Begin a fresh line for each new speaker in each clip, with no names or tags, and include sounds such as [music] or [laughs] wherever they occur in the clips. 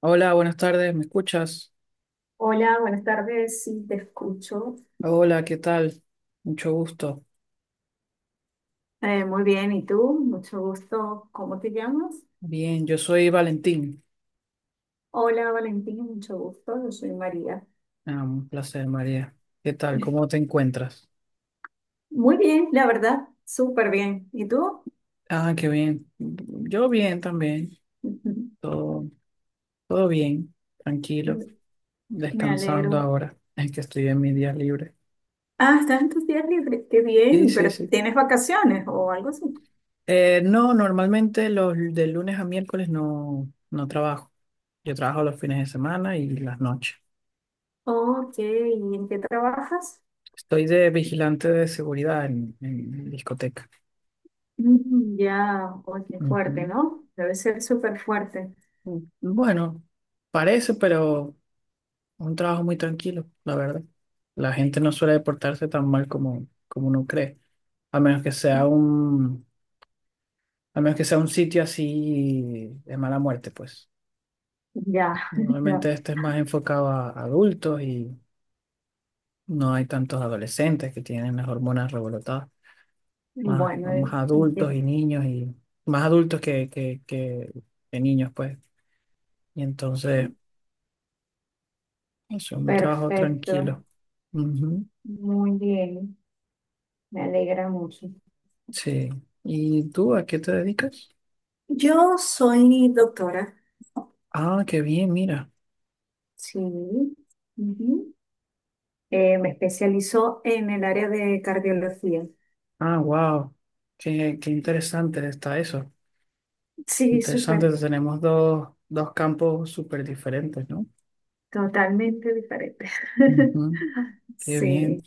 Hola, buenas tardes, ¿me escuchas?
Hola, buenas tardes, sí, te escucho.
Hola, ¿qué tal? Mucho gusto.
Muy bien, ¿y tú? Mucho gusto. ¿Cómo te llamas?
Bien, yo soy Valentín.
Hola, Valentín, mucho gusto. Yo soy María.
Ah, un placer, María. ¿Qué tal? ¿Cómo te encuentras?
Muy bien, la verdad, súper bien. ¿Y tú?
Ah, qué bien. Yo bien también.
[laughs] Ujú.
Todo, todo bien, tranquilo,
Me
descansando
alegro.
ahora. Es que estoy en mi día libre.
Ah, estás en tus días libres. Qué
Sí,
bien,
sí,
pero
sí.
¿tienes vacaciones o algo así?
No, normalmente los de lunes a miércoles no trabajo. Yo trabajo los fines de semana y las noches.
Ok, ¿y en qué trabajas?
Estoy de vigilante de seguridad en discotecas.
Mm, ya, oye, qué fuerte,
Ujú.
¿no? Debe ser súper fuerte.
Mm, Bueno, parece, pero un trabajo muy tranquilo, la verdad. La gente no suele portarse tan mal como uno cree, a menos que sea a menos que sea un sitio así de mala muerte, pues.
Ya, [laughs]
Normalmente
ya.
este es más enfocado a adultos y no hay tantos adolescentes que tienen las hormonas revolotadas. Más,
Bueno,
más
¿y
adultos
qué?
y niños y más adultos que niños, pues. Y entonces, es un trabajo
Perfecto,
tranquilo. Ujú.
muy bien, me alegra mucho.
Sí. ¿Y tú a qué te dedicas?
Yo soy doctora.
Ah, qué bien, mira.
Sí, ujú. Me especializo en el área de cardiología.
Ah, wow. Qué interesante está eso.
Sí,
Interesante,
súper.
tenemos dos campos súper diferentes, ¿no?
Totalmente diferente. [laughs]
Ujú. Qué
Sí,
bien.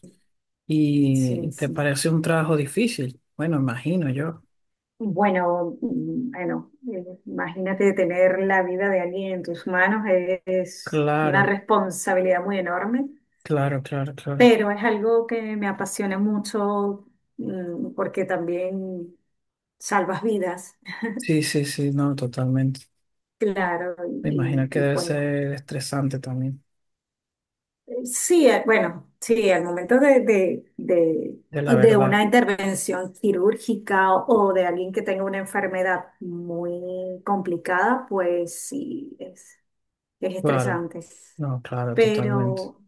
sí,
¿Y te
sí.
parece un trabajo difícil? Bueno, imagino yo.
Bueno, bueno, imagínate tener la vida de alguien en tus manos, es una
Claro,
responsabilidad muy enorme.
claro, claro, claro.
Pero es algo que me apasiona mucho, porque también salvas vidas.
Sí, sí, sí, no, totalmente.
[laughs] Claro,
Me imagino
y,
que
y
debe
pues
ser estresante también,
sí, bueno, sí, al momento de, de, de,
de la
de
verdad.
una intervención quirúrgica o de alguien que tenga una enfermedad muy complicada, pues sí, es
Claro,
estresante.
no, claro, totalmente.
Pero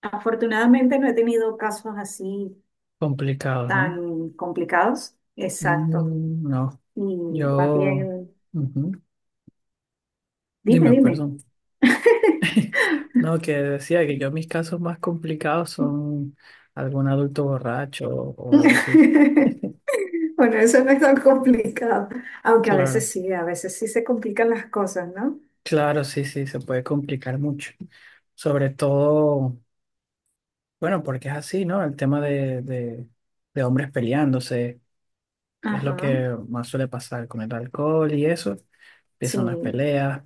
afortunadamente no he tenido casos así
Complicado, ¿no?
tan complicados. Exacto.
Mm, no.
Y más
Yo,
bien,
ujú.
dime,
Dime,
dime.
perdón. No, que decía que yo mis casos más complicados son algún adulto borracho o algo así.
[laughs] Bueno, eso no es tan complicado, aunque
Claro,
a veces sí se complican las cosas, ¿no?
claro, sí, sí, se puede complicar mucho. Sobre todo, bueno, porque es así, ¿no? El tema de hombres peleándose es lo
Ajá,
que más suele pasar con el alcohol y eso. Empiezan las
sí.
peleas.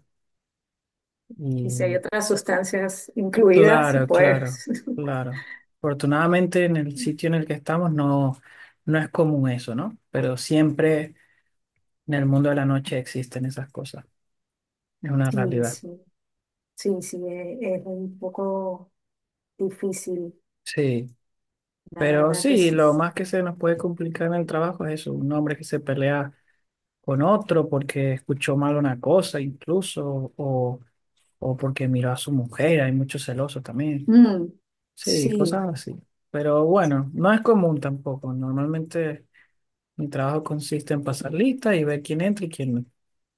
Y si hay otras sustancias incluidas,
Claro, claro,
pues
claro. Afortunadamente en el sitio en
[laughs]
el que estamos no, no es común eso, ¿no? Pero siempre en el mundo de la noche existen esas cosas. Es una
sí,
realidad.
sí, sí, sí, es un poco difícil,
Sí.
la
Pero
verdad que
sí,
sí.
lo más que se nos puede complicar en el trabajo es eso, un hombre que se pelea con otro porque escuchó mal una cosa incluso o porque miró a su mujer. Hay muchos celosos también.
Mm,
Sí,
sí,
cosas así. Pero bueno, no es común tampoco. Normalmente... mi trabajo consiste en pasar lista y ver quién entra y quién no.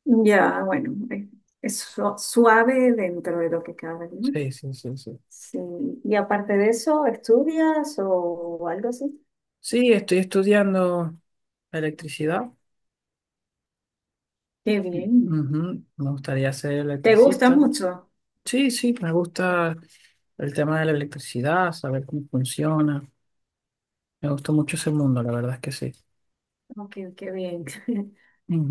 ya, bueno, es suave dentro de lo que cabe, ¿no?
Sí, sí, sí, sí.
Sí. Y aparte de eso, ¿estudias o algo así?
Sí, estoy estudiando electricidad.
Qué bien.
Ujú, me gustaría ser
¿Te gusta
electricista.
mucho?
Sí, sí, me gusta el tema de la electricidad, saber cómo funciona. Me gustó mucho ese mundo, la verdad es que sí.
Ok, qué bien. [laughs]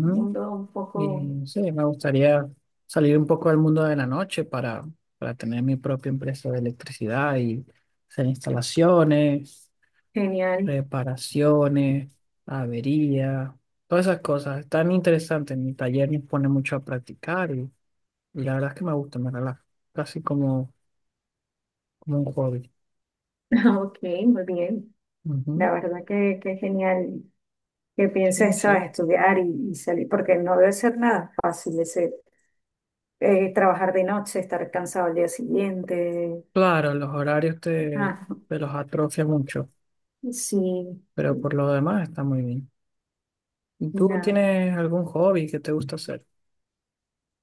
Un mundo un poco
Y sí, me gustaría salir un poco del mundo de la noche para tener mi propia empresa de electricidad y hacer instalaciones,
genial.
reparaciones, averías, todas esas cosas. Es tan interesante. En mi taller me pone mucho a practicar y la verdad es que me gusta, me relaja. Casi como, como un hobby.
[laughs] Ok, muy bien.
Ujú.
La verdad que genial que
Sí,
pienses, sabes,
sí.
estudiar y salir, porque no debe ser nada fácil ese, trabajar de noche, estar cansado al día siguiente.
Claro, los
Ah,
te los atrofia mucho,
sí,
pero por
sí,
lo demás está muy bien. ¿Y tú
ya.
tienes algún hobby que te gusta hacer?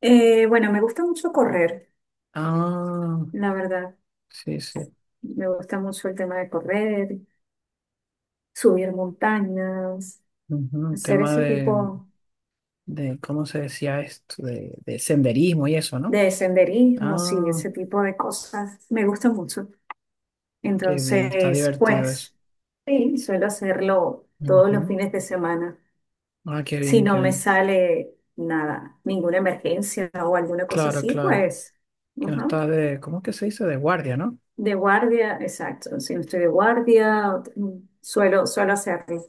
Bueno, me gusta mucho correr,
Ah,
la verdad.
sí, sí.
Me gusta mucho el tema de correr, subir montañas,
Un
hacer
tema
ese
de,
tipo
de, ¿cómo se decía esto? De senderismo y eso, ¿no?
de senderismo, sí,
Ah,
ese tipo de cosas. Me gusta mucho.
qué bien, está
Entonces,
divertido eso.
pues, sí, suelo hacerlo todos los
Ujú.
fines de semana.
Ah, qué
Si
bien, qué
no me
bien.
sale nada, ninguna emergencia o alguna cosa
Claro,
así,
claro.
pues,
Que no
ajá,
estás de, ¿cómo es que se dice? De guardia, ¿no?
de guardia, exacto. Si no estoy de guardia, suelo hacerlo.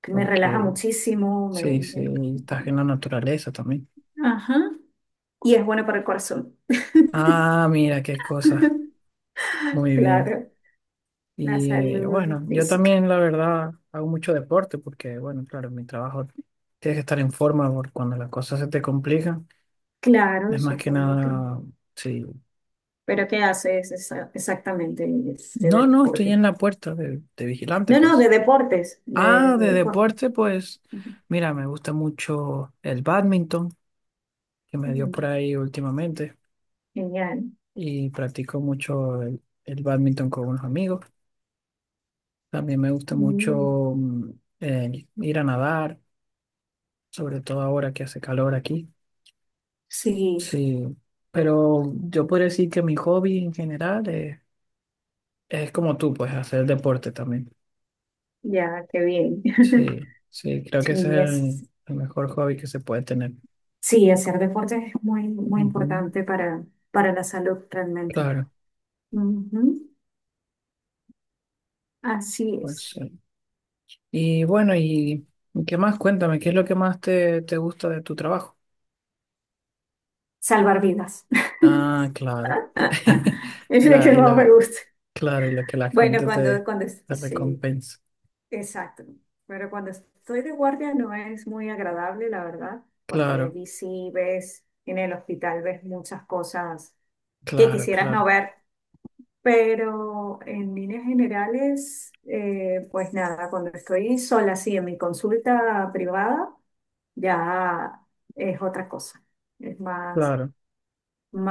Que me relaja
Ok.
muchísimo, me-
Sí, sí,
me-
y estás en la naturaleza también.
Ajá, y es bueno para el corazón. [laughs]
Ah, mira, qué cosa. Muy bien.
Claro, la
Y
salud
bueno, yo
física.
también, la verdad, hago mucho deporte porque, bueno, claro, en mi trabajo tienes que estar en forma porque cuando las cosas se te complican,
Claro,
es más que
supongo que.
nada, sí.
Pero ¿qué haces exactamente de
No, no, estoy
deporte?
en la puerta de vigilante,
No, no, de
pues.
deportes, de,
Ah,
de
de
deporte.
deporte, pues,
Ujú.
mira, me gusta mucho el bádminton, que me dio por
Mm,
ahí últimamente,
genial.
y practico mucho el bádminton con unos amigos. También me gusta
Mm,
mucho el ir a nadar, sobre todo ahora que hace calor aquí.
sí,
Sí, pero yo podría decir que mi hobby en general es como tú, pues, hacer deporte también.
ya, qué bien.
Sí,
[laughs]
sí, creo
Sí,
que ese es el mejor hobby que se puede tener.
sí, hacer deporte es muy, muy
Ujú.
importante para la salud realmente.
Claro,
Ujú, así
pues.
es.
Sí. Y bueno, y qué más? Cuéntame, ¿qué es lo que más te gusta de tu trabajo?
Salvar vidas. [laughs]
Ah, claro. [laughs]
Es lo
La,
que más me gusta.
claro, y lo que la
Bueno, cuando, cuando, es-
te
sí,
recompensa.
exacto. Pero cuando estoy de guardia no es muy agradable, la verdad, porque
Claro,
allí sí ves, en el hospital ves muchas cosas que
claro,
quisieras no
claro,
ver, pero en líneas generales, pues nada, cuando estoy sola, sí, en mi consulta privada, ya es otra cosa. Es más.
claro.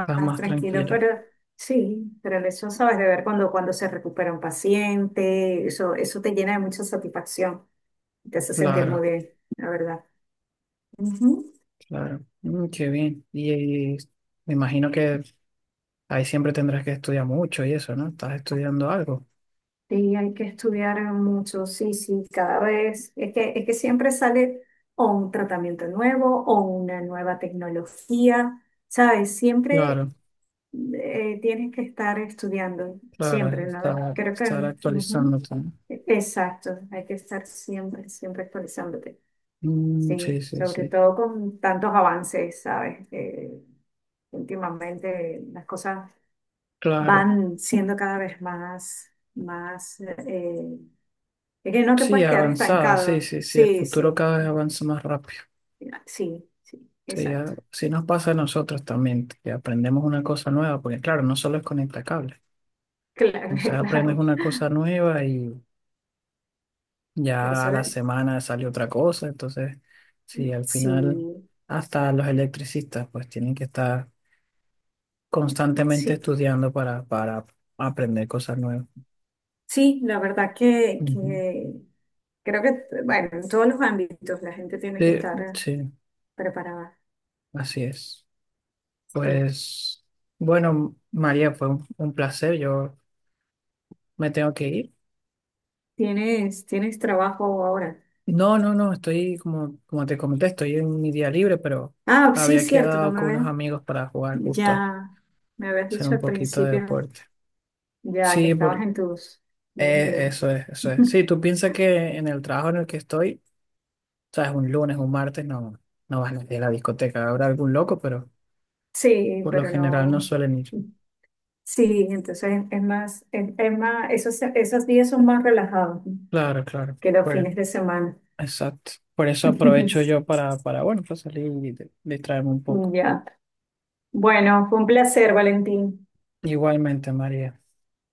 Estás más
tranquilo,
tranquila.
pero sí, pero eso sabes de ver cuando se recupera un paciente, eso te llena de mucha satisfacción, te hace sentir muy
Claro,
bien, la verdad. Ujú.
claro. Mm, qué bien. Y me imagino que ahí siempre tendrás que estudiar mucho y eso, ¿no? Estás estudiando algo.
Sí, hay que estudiar mucho, sí, sí, cada vez, es que siempre sale o un tratamiento nuevo o una nueva tecnología, ¿sabes? Siempre
Claro,
tienes que estar estudiando,
claro,
siempre, ¿no? Creo
estar
que. Ujú.
actualizándote, ¿no?
Exacto, hay que estar siempre, siempre actualizándote.
Mm, sí,
Sí,
sí,
sobre
sí.
todo con tantos avances, ¿sabes? Últimamente las cosas
Claro.
van siendo cada vez más, más, es que no te
Sí,
puedes quedar
avanzada, sí,
estancado.
sí, sí, el
Sí,
futuro
sí,
cada vez avanza más rápido.
sí, sí,
Sí,
exacto.
sí nos pasa a nosotros también, que aprendemos una cosa nueva, porque claro, no solo es conectar cables,
Claro,
entonces
[laughs]
aprendes
claro.
una cosa nueva y
Por
ya a
eso,
la semana sale otra cosa, entonces sí, al
sí,
final hasta los electricistas pues tienen que estar constantemente
sí,
estudiando para aprender cosas nuevas.
sí, la verdad que,
Ujú.
que creo que, bueno, en todos los ámbitos la gente tiene
Sí,
que estar
sí,
preparada.
así es.
Sí.
Pues bueno, María, fue un placer, yo... me tengo que ir.
¿Tienes trabajo ahora?
No, no, no, estoy como, como te comenté, estoy en mi día libre, pero
Ah, sí,
había
cierto, no
quedado
me
con unos
habías.
amigos para jugar justo,
Ya me habías
hacer
dicho
un
al
poquito de
principio,
deporte.
ya que
Sí,
estabas
por,
en tus días libres.
eso es, eso es. Sí,
[laughs]
tú piensas que en el trabajo en el que estoy, sabes, un lunes, un martes, no, no vas a ir a la discoteca, habrá algún loco, pero
Sí,
por lo
pero
general no
no.
suelen ir.
Sí, entonces es más, esos, esos días son más relajados
Claro, claro,
que los
pues,
fines de semana.
exacto. Por eso aprovecho
[laughs]
yo bueno, para salir y distraerme un poco.
Ya. Bueno, fue un placer, Valentín.
Igualmente, María.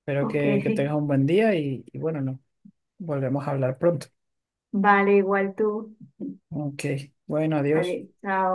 Espero
Ok,
que tengas un buen día y bueno, no, volvemos a hablar pronto.
vale, igual tú.
Ok, bueno, adiós.
Adiós, chao.